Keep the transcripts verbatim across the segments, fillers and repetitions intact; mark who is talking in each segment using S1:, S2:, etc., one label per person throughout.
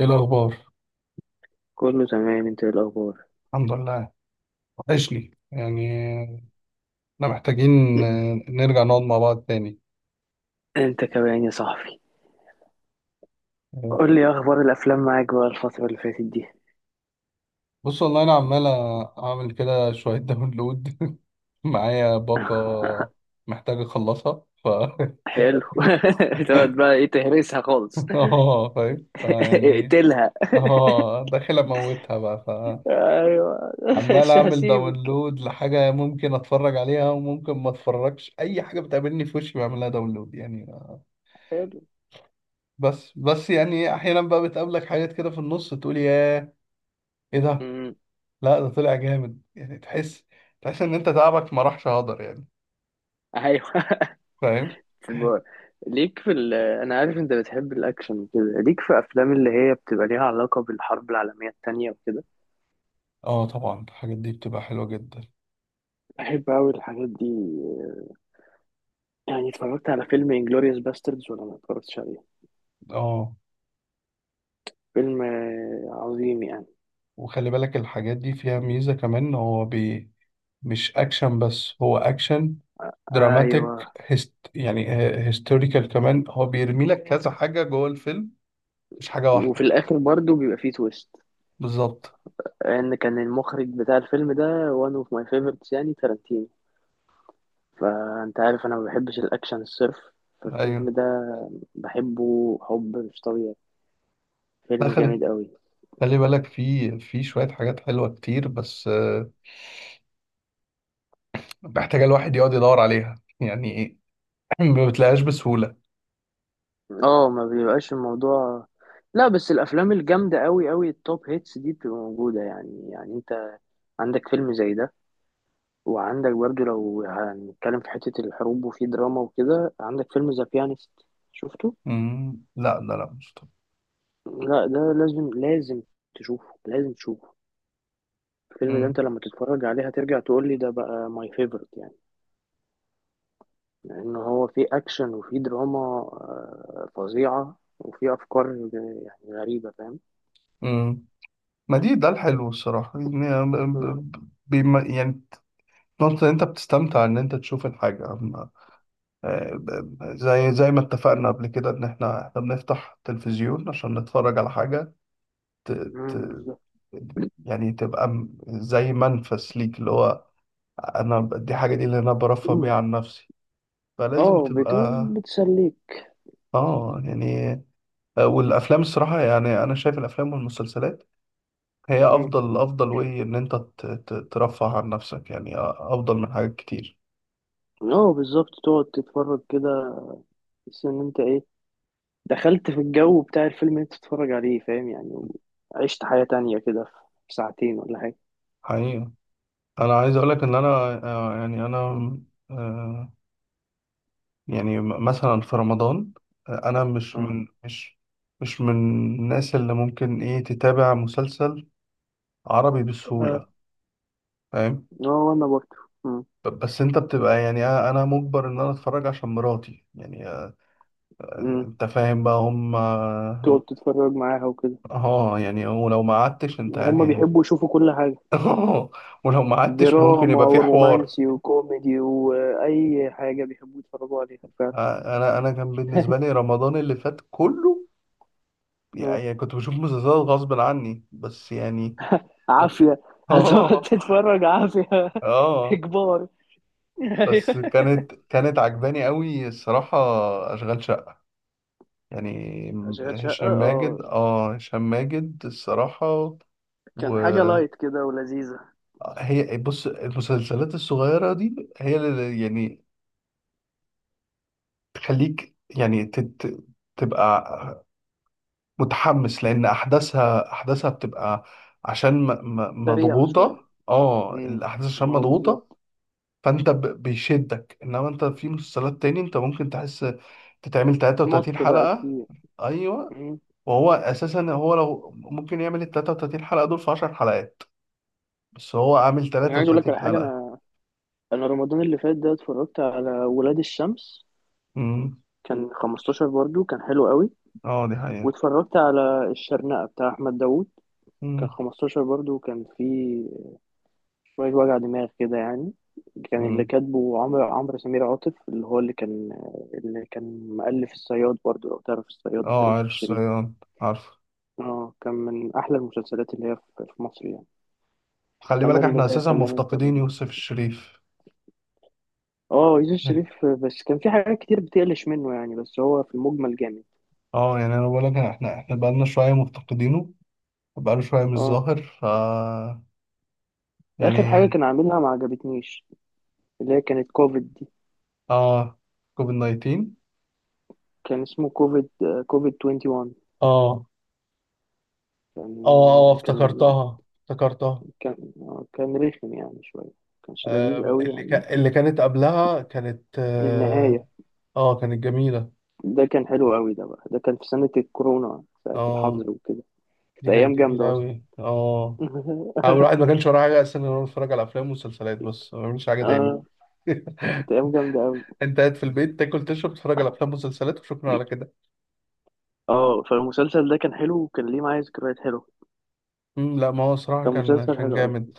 S1: ايه الاخبار؟
S2: كله تمام. انت ايه الاخبار؟
S1: الحمد لله. وحشني يعني. احنا محتاجين نرجع نقعد مع بعض تاني.
S2: انت كمان يا صاحبي. قول لي إيه اخبار الافلام معاك بقى الفتره اللي فاتت دي؟
S1: بص، والله انا عمال اعمل كده شويه داونلود. معايا باقه محتاج اخلصها ف.
S2: حلو. تقعد بقى ايه؟ تهرسها خالص.
S1: اه، فاهم فيعني.
S2: اقتلها.
S1: اه، داخل اموتها بقى.
S2: ايوه.
S1: فعمال
S2: مش
S1: اعمل
S2: هسيبك.
S1: داونلود لحاجه ممكن اتفرج عليها وممكن ما اتفرجش، اي حاجه بتقابلني في وشي بعملها داونلود يعني.
S2: حلو.
S1: بس بس يعني احيانا بقى بتقابلك حاجات كده في النص، تقول: ياه، ايه ده؟
S2: امم.
S1: لا، ده طلع جامد، يعني تحس تحس ان انت تعبك ما راحش هدر يعني.
S2: ايوه.
S1: فاهم.
S2: في الب- ليك في ال... انا عارف انت بتحب الاكشن وكده، ليك في افلام اللي هي بتبقى ليها علاقه بالحرب العالميه التانية وكده.
S1: اه طبعا، الحاجات دي بتبقى حلوة جدا.
S2: بحب أوي الحاجات دي. يعني اتفرجت على فيلم انجلوريوس باستردز ولا ما اتفرجتش؟
S1: اه،
S2: فيلم آه، عظيم يعني.
S1: وخلي بالك الحاجات دي فيها ميزة كمان، هو بي. مش اكشن بس، هو اكشن
S2: ايوه.
S1: دراماتيك هست، يعني هيستوريكال كمان. هو بيرمي لك كذا حاجة جوه الفيلم، مش حاجة
S2: وفي
S1: واحدة.
S2: الاخر برضو بيبقى فيه تويست.
S1: بالظبط.
S2: ان كان المخرج بتاع الفيلم ده وان اوف ماي فيفورتس يعني تارانتينو. فانت عارف انا ما بحبش الاكشن الصرف. فالفيلم
S1: ايوه.
S2: ده بحبه حب مش طبيعي.
S1: لا،
S2: فيلم
S1: خلي
S2: جامد قوي.
S1: خلي بالك، في في شوية حاجات حلوة كتير بس آه، محتاجة الواحد يقعد يدور عليها، يعني إيه، ما بتلاقيهاش بسهولة.
S2: اه، ما بيبقاش الموضوع. لا، بس الافلام الجامده قوي قوي التوب هيتس دي بتبقى موجوده يعني يعني انت عندك فيلم زي ده. وعندك برضو لو هنتكلم في حته الحروب وفي دراما وكده، عندك فيلم ذا بيانست. شفته؟
S1: مم. لا لا لا، مش طبيعي.
S2: لا ده لازم لازم، تشوفه لازم تشوفه. الفيلم ده
S1: مم.
S2: انت لما تتفرج عليه هترجع تقول لي ده بقى ماي فيفورت يعني. لان هو فيه اكشن وفيه دراما آه، فظيعة وفيه افكار آه، يعني غريبة، فاهم.
S1: مم. ما دي ده الحلو الصراحة، يعني ب-
S2: مم.
S1: ب- ب- بيما- يعني، نقطة إن أنت بتستمتع إن أنت تشوف الحاجة، أما- آه، ب- ب- زي زي ما اتفقنا قبل كده، إن إحنا إحنا بنفتح تلفزيون عشان نتفرج على حاجة، ت... ت...
S2: مم، بالظبط.
S1: يعني تبقى م- زي منفس ليك، اللي هو أنا، ب- دي حاجة، دي اللي أنا برفه بيها
S2: مم.
S1: عن نفسي، فلازم
S2: اه، بتقول
S1: تبقى.
S2: بتسليك.
S1: آه يعني، آه، والأفلام الصراحة، يعني أنا شايف الأفلام والمسلسلات هي
S2: مم.
S1: افضل افضل، وايه ان انت ت- ت- ترفه عن نفسك، يعني افضل من حاجات كتير.
S2: اه، بالظبط، تقعد تتفرج كده. تحس ان انت ايه؟ دخلت في الجو بتاع الفيلم اللي انت تتفرج عليه، فاهم يعني. وعشت حياة تانية كده. في ساعتين ولا حاجة.
S1: حقيقة. انا عايز اقولك ان انا، آه، يعني انا، آه، يعني م- مثلا في رمضان، آه، انا مش
S2: اه.
S1: من مش مش من الناس اللي ممكن ايه تتابع مسلسل عربي
S2: اه.
S1: بسهولة. فاهم.
S2: آه، وانا برضه.
S1: ب- بس انت بتبقى يعني، انا أنا مجبر ان انا اتفرج عشان مراتي يعني، آه،
S2: مم.
S1: انت فاهم بقى هم. اه،
S2: تقعد تتفرج معاها وكده.
S1: آه، يعني ولو ما قعدتش انت
S2: هما
S1: يعني.
S2: بيحبوا يشوفوا كل حاجة.
S1: اه. ولو ما قعدتش ممكن
S2: دراما
S1: يبقى في حوار.
S2: ورومانسي وكوميدي وأي حاجة بيحبوا يتفرجوا عليها فعلا.
S1: آه، انا انا كان بالنسبه لي رمضان اللي فات كله،
S2: اه،
S1: يعني كنت بشوف مسلسلات غصب عني بس يعني.
S2: عافية. هتقعد
S1: اه،
S2: تتفرج عافية.
S1: اه.
S2: إجبار.
S1: بس
S2: أيوة.
S1: كانت كانت عجباني قوي الصراحه، اشغال شقه يعني.
S2: أشغال شقة،
S1: هشام ماجد،
S2: اه.
S1: اه، هشام ماجد الصراحه،
S2: كان حاجة
S1: وهي.
S2: لايت كده ولذيذة.
S1: بص، المسلسلات الصغيره دي هي اللي يعني تخليك، يعني تت... تبقى متحمس، لان احداثها احداثها بتبقى، عشان م- م-
S2: سريعة شوية.
S1: مضغوطه، اه
S2: امم.
S1: الاحداث عشان
S2: ما هو
S1: مضغوطه.
S2: بالظبط.
S1: فانت ب- بيشدك، انما انت في مسلسلات تاني انت ممكن تحس تتعمل
S2: مط بقى
S1: تلاتة وتلاتين حلقة حلقه.
S2: كتير.
S1: ايوه.
S2: امم.
S1: وهو اساسا، هو لو ممكن يعمل ال الثلاث وثلاثين حلقة حلقه دول في 10 حلقات، بس هو عامل
S2: يعني عايز أقول لك على حاجة.
S1: ثلاث وثلاثين حلقة حلقه.
S2: أنا أنا رمضان اللي فات ده اتفرجت على ولاد الشمس.
S1: امم.
S2: كان خمستاشر برضو، كان حلو قوي.
S1: اه، دي حقيقه.
S2: واتفرجت على الشرنقة بتاع أحمد داوود. كان
S1: امم.
S2: خمسة عشر برضو، كان فيه شوية وجع دماغ كده يعني. كان اللي
S1: امم.
S2: كاتبه عمرو عمرو سمير عاطف، اللي هو اللي كان اللي كان مؤلف الصياد برضو، لو تعرف الصياد بتاع
S1: اه،
S2: يوسف
S1: عارف
S2: الشريف.
S1: الصياد، عارف.
S2: اه، كان من أحلى المسلسلات اللي هي في في مصر يعني.
S1: خلي
S2: فأنا
S1: بالك احنا
S2: اللي
S1: اساسا
S2: خلاني
S1: مفتقدين
S2: أتفرج يعني.
S1: يوسف الشريف.
S2: اه، يوسف الشريف بس كان في حاجات كتير بتقلش منه يعني، بس هو في المجمل جامد.
S1: اه، يعني انا بقول لك احنا، احنا بقالنا شويه مفتقدينه، بقاله شويه مش
S2: اه،
S1: ظاهر ف
S2: آخر حاجة
S1: يعني.
S2: كان عاملها ما عجبتنيش. اللي هي كانت كوفيد دي.
S1: اه، كوفيد تسعتاشر.
S2: كان اسمه كوفيد. كوفيد واحد وعشرين.
S1: اه، اه، اه،
S2: كان كان
S1: افتكرتها، افتكرتها.
S2: كان آه، كان رخم يعني شوية. كانش
S1: آه،
S2: لذيذ قوي
S1: اللي
S2: يعني.
S1: كا اللي كانت قبلها كانت، اه
S2: النهاية.
S1: آه، كانت جميلة.
S2: ده كان حلو قوي، ده بقى ده كان في سنة الكورونا ساعة
S1: اه،
S2: الحظر وكده. كانت
S1: دي كانت
S2: أيام
S1: جميلة
S2: جامدة أصلا.
S1: أوي، اه. أنا الواحد ما كانش وراه حاجة أصلا، غير إنه يتفرج على أفلام ومسلسلات بس، ما بيعملش حاجة تاني.
S2: اه، كانت أيام جامدة قوي.
S1: أنت قاعد في البيت، تاكل، تشرب، تتفرج على أفلام ومسلسلات، وشكرا على كده.
S2: اه، فالمسلسل ده كان حلو وكان ليه معايا ذكريات حلوة.
S1: مم، لا، ما هو صراحة
S2: كان
S1: كان
S2: مسلسل
S1: كان
S2: حلو قوي.
S1: جامد.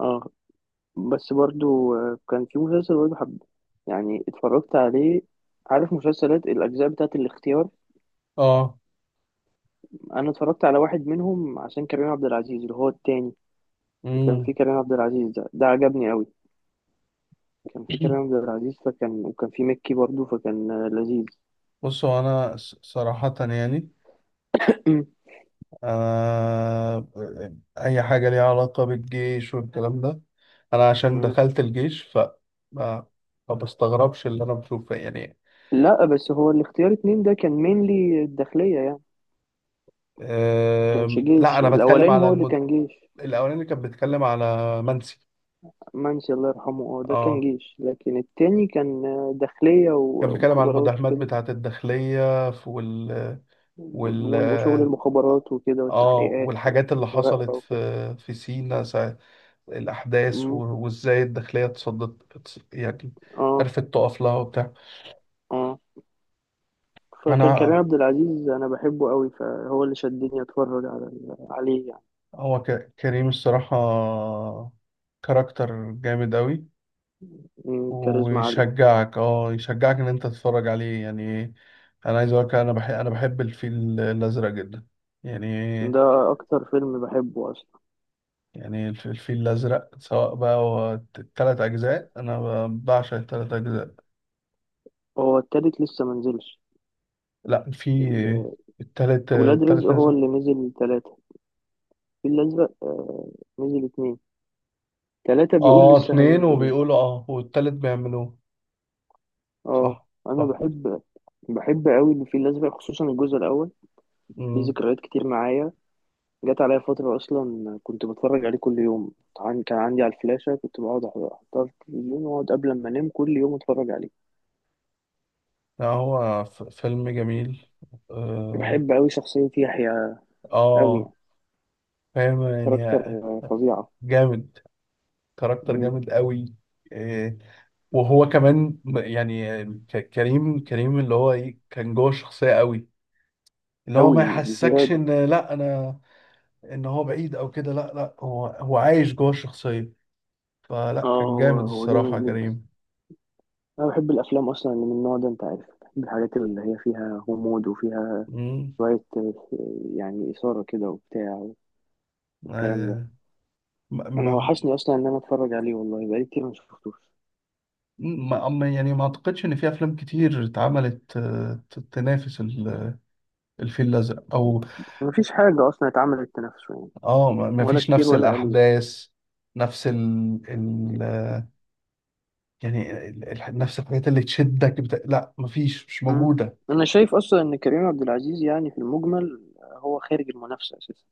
S2: اه. بس برضو آه، كان في مسلسل برضو حب. يعني اتفرجت عليه. عارف مسلسلات الأجزاء بتاعت الاختيار؟
S1: اه.
S2: أنا اتفرجت على واحد منهم عشان كريم عبد العزيز، اللي هو التاني. كان
S1: مم.
S2: في كريم عبد العزيز ده ده عجبني قوي. كان في كريم عبد العزيز فكان، وكان في مكي برضه فكان آه، لذيذ.
S1: بصوا، انا ص- صراحة يعني، انا اي حاجة ليها علاقة بالجيش والكلام ده، انا عشان
S2: مم.
S1: دخلت الجيش ف ما ما بستغربش اللي انا بشوفه يعني.
S2: لا، بس هو الاختيار اتنين ده كان مينلي الداخلية يعني. كانش
S1: أم، لا،
S2: جيش،
S1: انا بتكلم
S2: الأولاني
S1: على
S2: هو اللي
S1: المد...
S2: كان جيش
S1: الاولاني كان بيتكلم على منسي.
S2: منسي، الله يرحمه، اه، ده كان
S1: اه،
S2: جيش، لكن التاني كان آه، داخلية
S1: كان
S2: و-
S1: بيتكلم على
S2: ومخابرات
S1: المداهمات
S2: وكده.
S1: بتاعة الداخلية، ف- وال وال
S2: وال- وشغل المخابرات وكده
S1: اه
S2: والتحقيقات
S1: والحاجات اللي
S2: والمراقبة
S1: حصلت
S2: وكده.
S1: في في سينا، الأحداث، و-
S2: مم.
S1: وإزاي الداخلية اتصدت، اتص- يعني
S2: اه،
S1: عرفت تقف لها وبتاع.
S2: اه. فكان كريم
S1: أنا
S2: عبد العزيز، أنا بحبه قوي، فهو اللي شدني أتفرج على عليه يعني.
S1: هو ك- كريم الصراحة كاركتر جامد أوي،
S2: مم، كاريزما عالية.
S1: ويشجعك، اه يشجعك إن أنت تتفرج عليه يعني. أنا عايز أقولك، أنا بحب أنا بحب الفيل الأزرق جدا يعني.
S2: ده أكتر فيلم بحبه أصلا.
S1: يعني الف- الفيل الأزرق، سواء بقى هو الت- التلات أجزاء، أنا ب- بعشق التلات أجزاء.
S2: هو التالت لسه منزلش.
S1: لأ، في
S2: ال-
S1: التالت
S2: ولاد رزق
S1: التالت
S2: هو
S1: نزل.
S2: اللي نزل تلاتة. الفيل الأزرق نزل اتنين. تلاتة بيقول
S1: اه
S2: لسه
S1: اتنين،
S2: هينزل يعني.
S1: وبيقولوا اه والتالت بيعملوه.
S2: اه.
S1: صح.
S2: أنا
S1: صح.
S2: بحب بحب أوي الفيل الأزرق خصوصا الجزء الأول. ليه
S1: امم.
S2: ذكريات كتير معايا. جت عليا فترة أصلا كنت بتفرج عليه كل يوم. عن- كان عندي على الفلاشة كنت بقعد أح- أحطها في التلفزيون، وأقعد قبل ما أنام كل يوم أتفرج عليه.
S1: لا، هو ف- فيلم جميل. اه.
S2: بحب أوي شخصية يحيى أوي
S1: آه،
S2: يعني.
S1: فاهم
S2: كاركتر
S1: يعني،
S2: فظيعة.
S1: جامد، كاركتر
S2: مم.
S1: جامد قوي. آه، وهو كمان م- يعني ك- كريم كريم اللي هو ايه كان جوه الشخصية قوي، اللي هو
S2: أوي،
S1: ما يحسكش
S2: بزيادة.
S1: ان، لا انا، ان هو بعيد او كده، لا لا، هو هو عايش جوه الشخصية،
S2: اه،
S1: فلا كان
S2: هو
S1: جامد
S2: هو جامد
S1: الصراحة
S2: جدا.
S1: كريم.
S2: أنا بحب الأفلام أصلا اللي من النوع ده، أنت عارف، بحب الحاجات اللي هي فيها غموض وفيها
S1: امم.
S2: شوية آه، يعني إثارة كده وبتاع، والكلام ده. أنا
S1: ما
S2: وحشني أصلا إن أنا أتفرج عليه، والله بقالي كتير ما شفتوش.
S1: ما أما- يعني ما اعتقدش ان في افلام كتير اتعملت آه، ت- تنافس ال- الفيل الازرق او.
S2: مفيش حاجة أصلا اتعملت تنافسه يعني.
S1: اه، ما ما
S2: ولا
S1: فيش
S2: كتير
S1: نفس
S2: ولا قليل.
S1: الاحداث، نفس ال... ال... آه، يعني ال... ال- نفس الحاجات اللي تشدك بتا... لا، ما فيش، مش
S2: أمم.
S1: موجوده.
S2: أنا شايف أصلا إن كريم عبد العزيز يعني في المجمل آه، هو خارج المنافسة أساسا.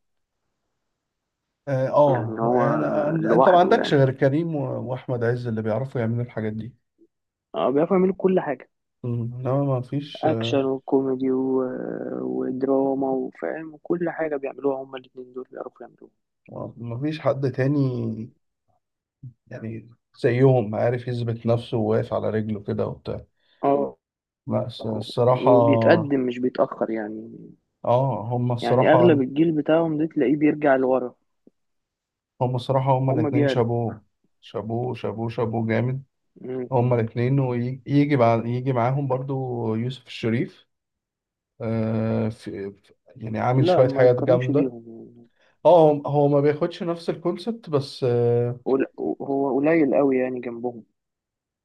S1: اه. آه،
S2: يعني هو
S1: أنا... أن- انت ما
S2: لوحده
S1: عندكش
S2: يعني.
S1: غير كريم و... واحمد عز، اللي بيعرفوا يعملوا الحاجات دي.
S2: اه، بيعرف يعمل كل حاجة.
S1: مم. انما ما فيش،
S2: اكشن وكوميدي و... ودراما وفاهم وكل حاجه بيعملوها، هما الاتنين دول بيعرفوا يعملوها.
S1: آه، ما فيش حد تاني يعني زيهم عارف يثبت نفسه وواقف على رجله كده وبتاع.
S2: اه،
S1: لا، الص- الصراحة،
S2: وبيتقدم مش بيتاخر يعني.
S1: اه، هم
S2: يعني
S1: الصراحة،
S2: اغلب الجيل بتاعهم ده تلاقيه بيرجع لورا.
S1: هم الصراحة هم
S2: هما
S1: الاتنين
S2: بيعلوا.
S1: شابوه، شابوه، شابوه، شابوه جامد.
S2: مم.
S1: هم الاتنين، ويجي بعد يجي معاهم برضو يوسف الشريف. آه، في في- يعني عامل
S2: لا،
S1: شوية
S2: ما
S1: حاجات
S2: يتقارنش
S1: جامدة.
S2: بيهم يعني.
S1: اه، هو هو ما بياخدش نفس الكونسبت بس اه
S2: قل- هو قليل قوي يعني جنبهم.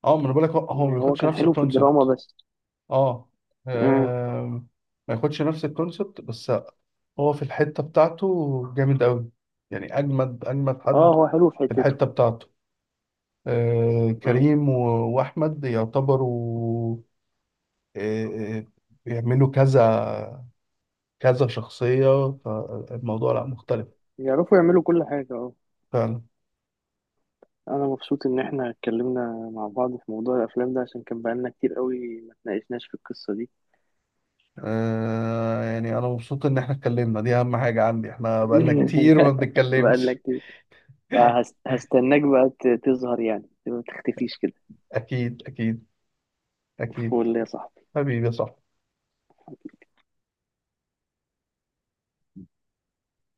S1: آه، ما انا بقولك، هو هو ما
S2: يعني هو
S1: بياخدش
S2: كان
S1: نفس
S2: حلو في الدراما
S1: الكونسبت.
S2: بس.
S1: اه.
S2: مم.
S1: آه، ما ياخدش نفس الكونسبت بس، هو في الحتة بتاعته جامد أوي، يعني أجمد أجمد
S2: اه،
S1: حد
S2: هو حلو في
S1: في
S2: حتته.
S1: الحتة بتاعته. آه،
S2: مم.
S1: كريم و- وأحمد يعتبروا، آه، آه، بيعملوا كذا، كذا شخصية، فالموضوع لا مختلف.
S2: يعرفوا يعملوا كل حاجه، اه.
S1: فعلا.
S2: انا مبسوط ان احنا اتكلمنا مع بعض في موضوع الافلام ده، عشان كان بقالنا كتير قوي ما اتناقشناش في القصة دي.
S1: آه، يعني أنا مبسوط إن إحنا اتكلمنا، دي أهم حاجة عندي، إحنا بقالنا كتير ما
S2: بقالنا
S1: بنتكلمش.
S2: كتير. فهست- هستناك بقى ت- تظهر يعني ما تختفيش كده.
S1: أكيد، أكيد، أكيد.
S2: فول يا صاحبي.
S1: حبيبي يا صاحبي.